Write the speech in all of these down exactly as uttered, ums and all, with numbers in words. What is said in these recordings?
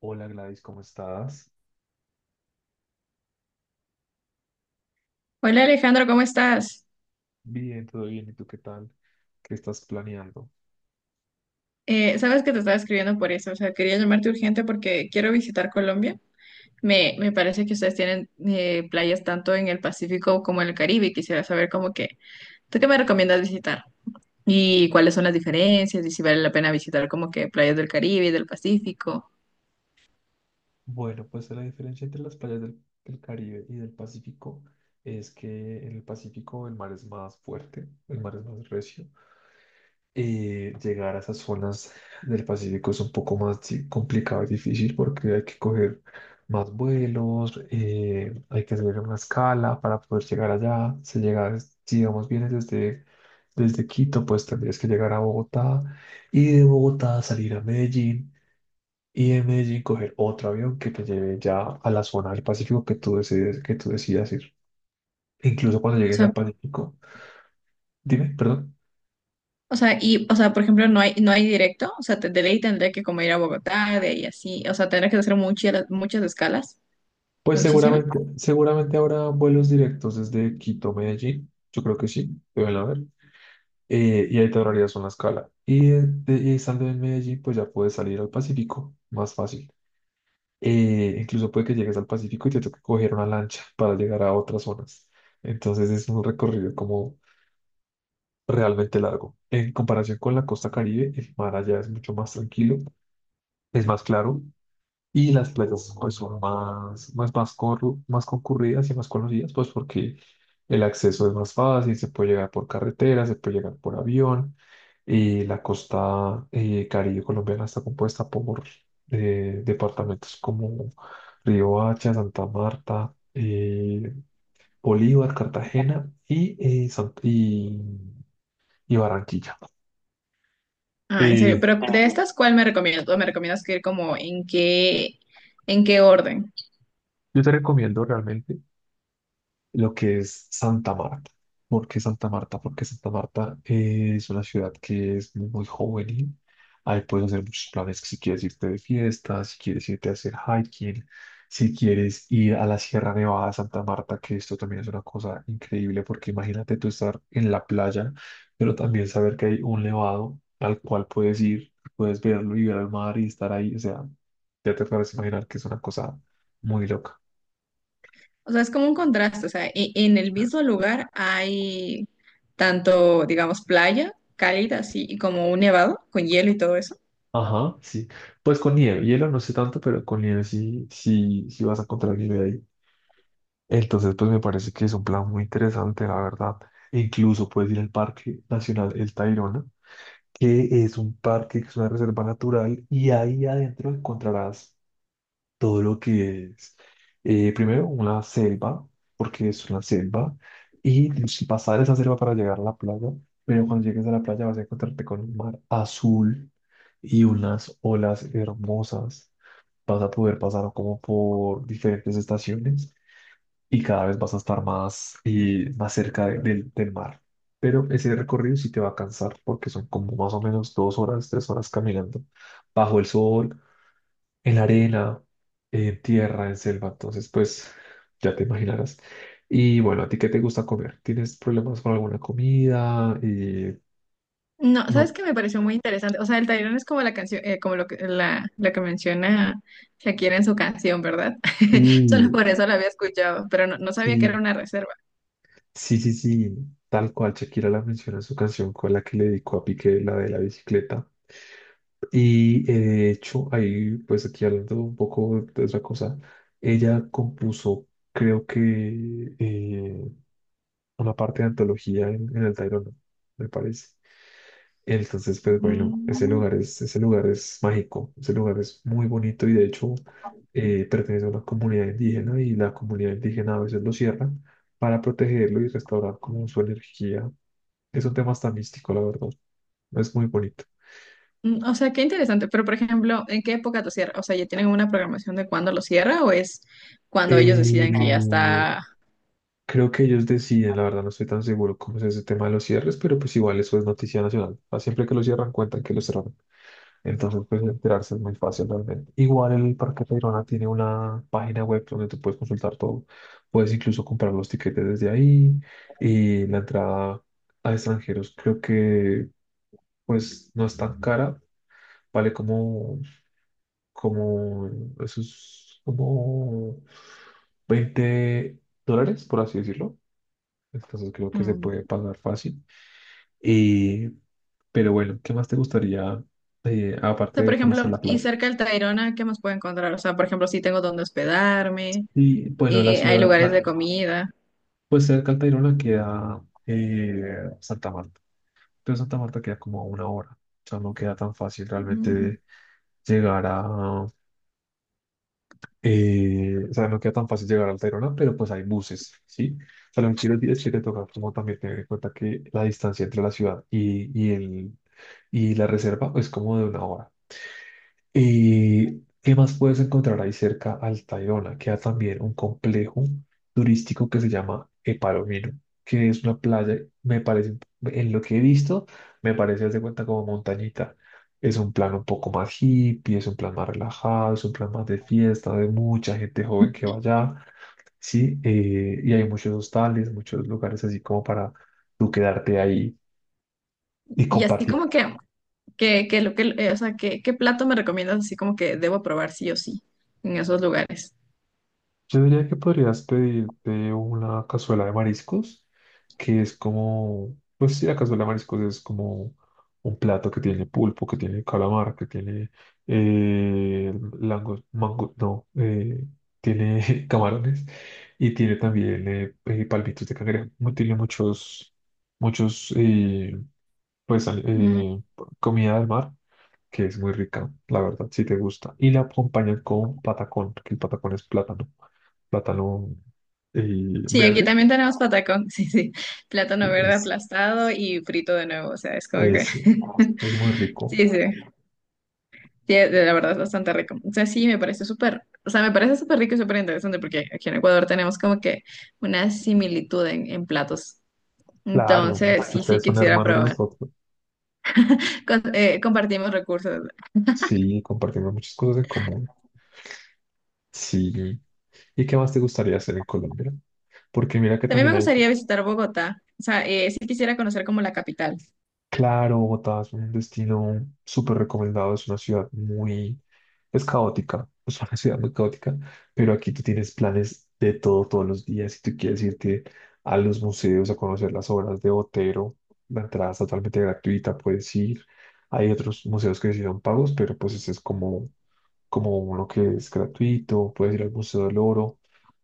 Hola, Gladys, ¿cómo estás? Hola Alejandro, ¿cómo estás? Bien, todo bien. ¿Y tú qué tal? ¿Qué estás planeando? Eh, sabes que te estaba escribiendo por eso, o sea, quería llamarte urgente porque quiero visitar Colombia. Me, me parece que ustedes tienen eh, playas tanto en el Pacífico como en el Caribe y quisiera saber como que, ¿tú qué me recomiendas visitar? ¿Y cuáles son las diferencias? ¿Y si vale la pena visitar como que playas del Caribe y del Pacífico? Bueno, pues la diferencia entre las playas del, del Caribe y del Pacífico es que en el Pacífico el mar es más fuerte, el mar es más recio. Y llegar a esas zonas del Pacífico es un poco más di- complicado y difícil porque hay que coger más vuelos, eh, hay que subir una escala para poder llegar allá. Si llegas, si digamos, vienes desde, desde Quito, pues tendrías que llegar a Bogotá y de Bogotá salir a Medellín y de Medellín coger otro avión que te lleve ya a la zona del Pacífico que tú decides, que tú decidas ir. Incluso cuando O llegues sea, al Pacífico, dime, perdón. o sea, y, o sea, por ejemplo, no hay, no hay directo, o sea, te- de ley tendré que como ir a Bogotá, de ahí así, o sea, tendré que hacer muchas, muchas escalas, Pues muchísimas. seguramente, seguramente habrá vuelos directos desde Quito a Medellín. Yo creo que sí, deben haber. Eh, y ahí te ahorrarías una escala. Y, de- de- y estando en Medellín, pues ya puedes salir al Pacífico más fácil. Eh, incluso puede que llegues al Pacífico y te toque coger una lancha para llegar a otras zonas. Entonces es un recorrido como realmente largo. En comparación con la costa Caribe, el mar allá es mucho más tranquilo, es más claro. Y las playas pues son más, más, más, corru- más concurridas y más conocidas, pues porque el acceso es más fácil, se puede llegar por carretera, se puede llegar por avión, y la costa eh, Caribe colombiana está compuesta por eh, departamentos como Riohacha, Santa Marta, eh, Bolívar, Cartagena y, eh, San- y, y Barranquilla. Ah, en serio, Eh, pero de estas, ¿cuál me recomiendas? ¿O me recomiendas que ir como en qué, en qué orden? yo te recomiendo realmente lo que es Santa Marta. ¿Por qué Santa Marta? Porque Santa Marta eh, es una ciudad que es muy, muy juvenil. Ahí puedes hacer muchos planes, si quieres irte de fiesta, si quieres irte a hacer hiking, si quieres ir a la Sierra Nevada de Santa Marta, que esto también es una cosa increíble, porque imagínate tú estar en la playa, pero también saber que hay un nevado al cual puedes ir, puedes verlo y ver el mar y estar ahí. O sea, ya te puedes imaginar que es una cosa muy loca. O sea, es como un contraste, o sea, e- en el mismo lugar hay tanto, digamos, playa cálida, así, y como un nevado con hielo y todo eso. Ajá, sí. Pues con nieve, hielo no sé tanto, pero con nieve sí, sí, sí vas a encontrar nieve ahí. Entonces, pues me parece que es un plan muy interesante, la verdad. Incluso puedes ir al Parque Nacional El Tayrona, que es un parque, que es una reserva natural, y ahí adentro encontrarás todo lo que es, eh, primero, una selva, porque es una selva, y si pasar esa selva para llegar a la playa, pero cuando llegues a la playa vas a encontrarte con un mar azul y unas olas hermosas. Vas a poder pasar como por diferentes estaciones y cada vez vas a estar más, y más cerca de- del del mar. Pero ese recorrido sí te va a cansar porque son como más o menos dos horas, tres horas caminando bajo el sol, en arena, en tierra, en selva, entonces pues ya te imaginarás. Y bueno, ¿a ti qué te gusta comer? ¿Tienes problemas con alguna comida? Eh, No, ¿sabes no. qué me pareció muy interesante? O sea, el Tayrona es como la canción, eh, como lo que, la, la que menciona Shakira en su canción, ¿verdad? Solo Sí, por eso la había escuchado, pero no, no sabía que era sí, una reserva. sí, sí, sí, tal cual Shakira la menciona en su canción con la que le dedicó a Piqué, la de la bicicleta. Y eh, de hecho, ahí pues aquí hablando un poco de otra cosa, ella compuso, creo que eh, una parte de antología en, en el Tayrona, me parece. Entonces, pues bueno, ese Ujú. lugar es, ese lugar es mágico, ese lugar es muy bonito y de hecho eh, pertenece a una comunidad indígena y la comunidad indígena a veces lo cierran para protegerlo y restaurar como su energía. Es un tema hasta místico, la verdad. Es muy bonito. Mm, o sea, qué interesante. Pero, por ejemplo, ¿en qué época lo cierra? O sea, ¿ya tienen una programación de cuándo lo cierra o es cuando ellos Eh, deciden que ya está? Creo que ellos deciden, la verdad no estoy tan seguro cómo es ese tema de los cierres, pero pues igual eso es noticia nacional. Ah, siempre que lo cierran, cuentan que lo cerraron. Entonces, pues enterarse es muy fácil realmente. Igual el Parque Tayrona tiene una página web donde tú puedes consultar todo. Puedes incluso comprar los tiquetes desde ahí y la entrada a extranjeros creo que pues no es tan cara. Vale como, como, eso es como veinte dólares, por así decirlo. Entonces creo que se Mm. puede pagar fácil. Y, pero bueno, ¿qué más te gustaría, eh, O aparte sea, por de conocer ejemplo, la y playa? cerca del Tayrona, ¿qué más puedo encontrar? O sea, por ejemplo, si tengo dónde hospedarme, Y y bueno, la hay ciudad, lugares de la- comida. pues cerca de Tayrona queda eh, Santa Marta. Pero Santa Marta queda como a una hora. O sea, no queda tan fácil realmente Mm. de llegar a... eh, o sea, no queda tan fácil llegar al Tayrona, pero pues hay buses, ¿sí? O sea, lo que quiero decir es que te toca como también tener en cuenta que la distancia entre la ciudad y, y, el, y la reserva es como de una hora. ¿Y qué más puedes encontrar ahí cerca al Tayrona? Queda también un complejo turístico que se llama El, que es una playa, me parece, en lo que he visto, me parece, haz de cuenta, como montañita. Es un plan un poco más hippie, es un plan más relajado, es un plan más de fiesta, de mucha gente joven que va allá, ¿sí? Eh, y hay muchos hostales, muchos lugares así como para tú quedarte ahí y Y así compartir. como que, que, que lo que, eh, o sea, ¿qué, qué plato me recomiendas así como que debo probar sí o sí en esos lugares? Yo diría que podrías pedirte una cazuela de mariscos, que es como, pues sí, la cazuela de mariscos es como un plato que tiene pulpo, que tiene calamar, que tiene eh, lango- mango, no, eh, tiene camarones y tiene también eh, eh, palmitos de cangrejo. Mu- Tiene muchos, muchos, eh, pues, al- Mm. eh, comida del mar que es muy rica, la verdad, si te gusta. Y la acompañan con patacón, que el patacón es plátano. Plátano eh, Sí, aquí verde. también tenemos patacón, sí, sí, plátano verde Es, aplastado y frito de nuevo, o sea, es como que... es, es muy Sí, rico. sí, sí, la verdad es bastante rico. O sea, sí, me parece súper, o sea, me parece súper rico y súper interesante porque aquí en Ecuador tenemos como que una similitud en, en platos. Claro, Entonces, sí, sí, ustedes son quisiera hermanos de probar. nosotros. Con- eh, compartimos recursos. Sí, compartimos muchas cosas en común. Sí. ¿Y qué más te gustaría hacer en Colombia? Porque mira que También me también hay, gustaría visitar Bogotá. O sea, eh, sí quisiera conocer como la capital. claro, Bogotá es un destino súper recomendado, es una ciudad muy, es caótica, es una ciudad muy caótica, pero aquí tú tienes planes de todo todos los días. Si tú quieres irte a los museos a conocer las obras de Botero, la entrada es totalmente gratuita, puedes ir. Hay otros museos que sí son pagos, pero pues ese es como como uno que es gratuito, puedes ir al Museo del Oro,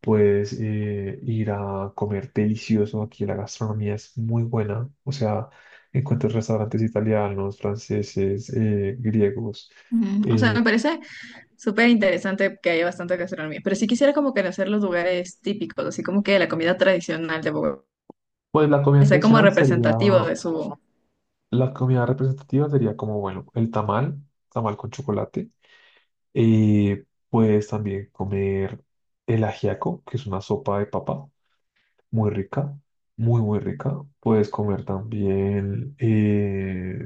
puedes eh, ir a comer delicioso. Aquí la gastronomía es muy buena, o sea, encuentras restaurantes italianos, franceses, eh, griegos. Ujú. O sea, me eh, parece súper interesante que haya bastante gastronomía. Pero sí quisiera como conocer los lugares típicos, así como que la comida tradicional de Bogotá. pues la comida Sea como tradicional sería, representativo de su... la comida representativa sería como, bueno, el tamal, tamal con chocolate. eh, Puedes también comer el ajiaco, que es una sopa de papa. Muy rica, muy, muy rica. Puedes comer también eh,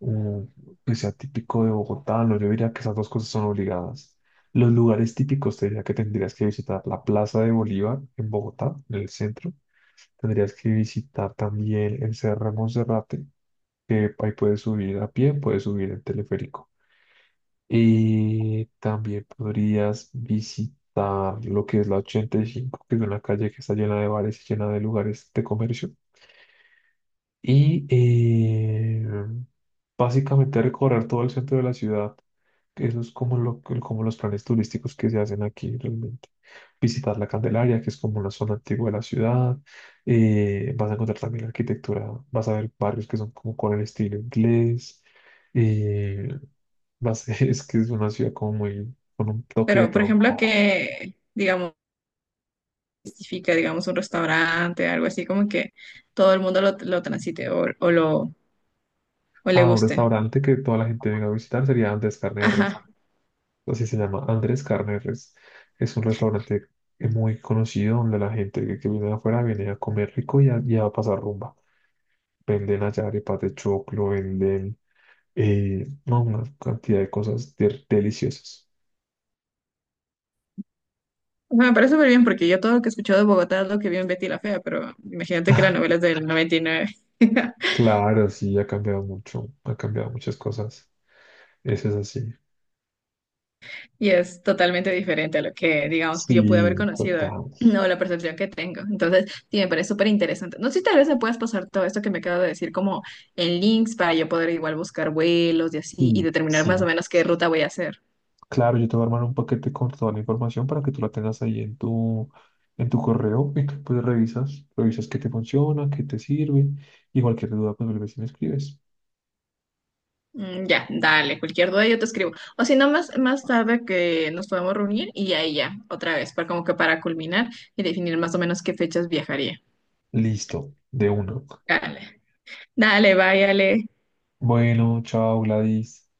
un que sea típico de Bogotá. No, yo diría que esas dos cosas son obligadas. Los lugares típicos, te diría que tendrías que visitar la Plaza de Bolívar en Bogotá, en el centro. Tendrías que visitar también el Cerro de Monserrate, que ahí puedes subir a pie, puedes subir en teleférico. Y también podrías visitar lo que que que es es la ochenta y y cinco, que es una calle que está llena llena de de de bares, lugares de comercio y eh, básicamente recorrer todo el centro de la ciudad. Eso es como, lo, como los planes turísticos que se hacen aquí realmente. Visitar la Candelaria, que es como una zona antigua de la ciudad. Eh, vas a encontrar también arquitectura, vas a ver barrios que son como con el estilo inglés. eh, vas, es que es una ciudad como muy, con un toque de Pero, por todo un ejemplo, poco. que, digamos, justifica, digamos, un restaurante, algo así, como que todo el mundo lo, lo transite o, o lo, o le Ah, un guste. restaurante que toda la gente venga a visitar sería Andrés Carne de Res, Ajá. así se llama, Andrés Carneres. Es un restaurante muy conocido donde la gente que, que viene de afuera viene a comer rico y a, y a pasar rumba. Venden allá arepas de choclo, venden eh, no, una cantidad de cosas de- deliciosas. Bueno, me parece súper bien porque yo todo lo que he escuchado de Bogotá es lo que vi en Betty la Fea, pero imagínate que la novela es del noventa y nueve y nueve Claro, sí, ha cambiado mucho, ha cambiado muchas cosas. Eso es así. y es totalmente diferente a lo que, digamos, yo pude haber Sí, conocido. total. No, la percepción que tengo. Entonces, sí, me parece súper interesante. No sé si tal vez me puedas pasar todo esto que me acabo de decir como en links para yo poder igual buscar vuelos y así y Sí, determinar más o sí. menos qué ruta voy a hacer. Claro, yo te voy a armar un paquete con toda la información para que tú la tengas ahí en tu, en tu correo y tú, pues revisas, revisas qué te funciona, qué te sirve y cualquier duda pues vuelves y me escribes. Mm, ya, dale, cualquier duda yo te escribo. O si no, más, más tarde que nos podamos reunir y ahí ya, otra vez, para como que para culminar y definir más o menos qué fechas viajaría. Listo, de una. Dale, dale, váyale. Bueno, chao, Gladys.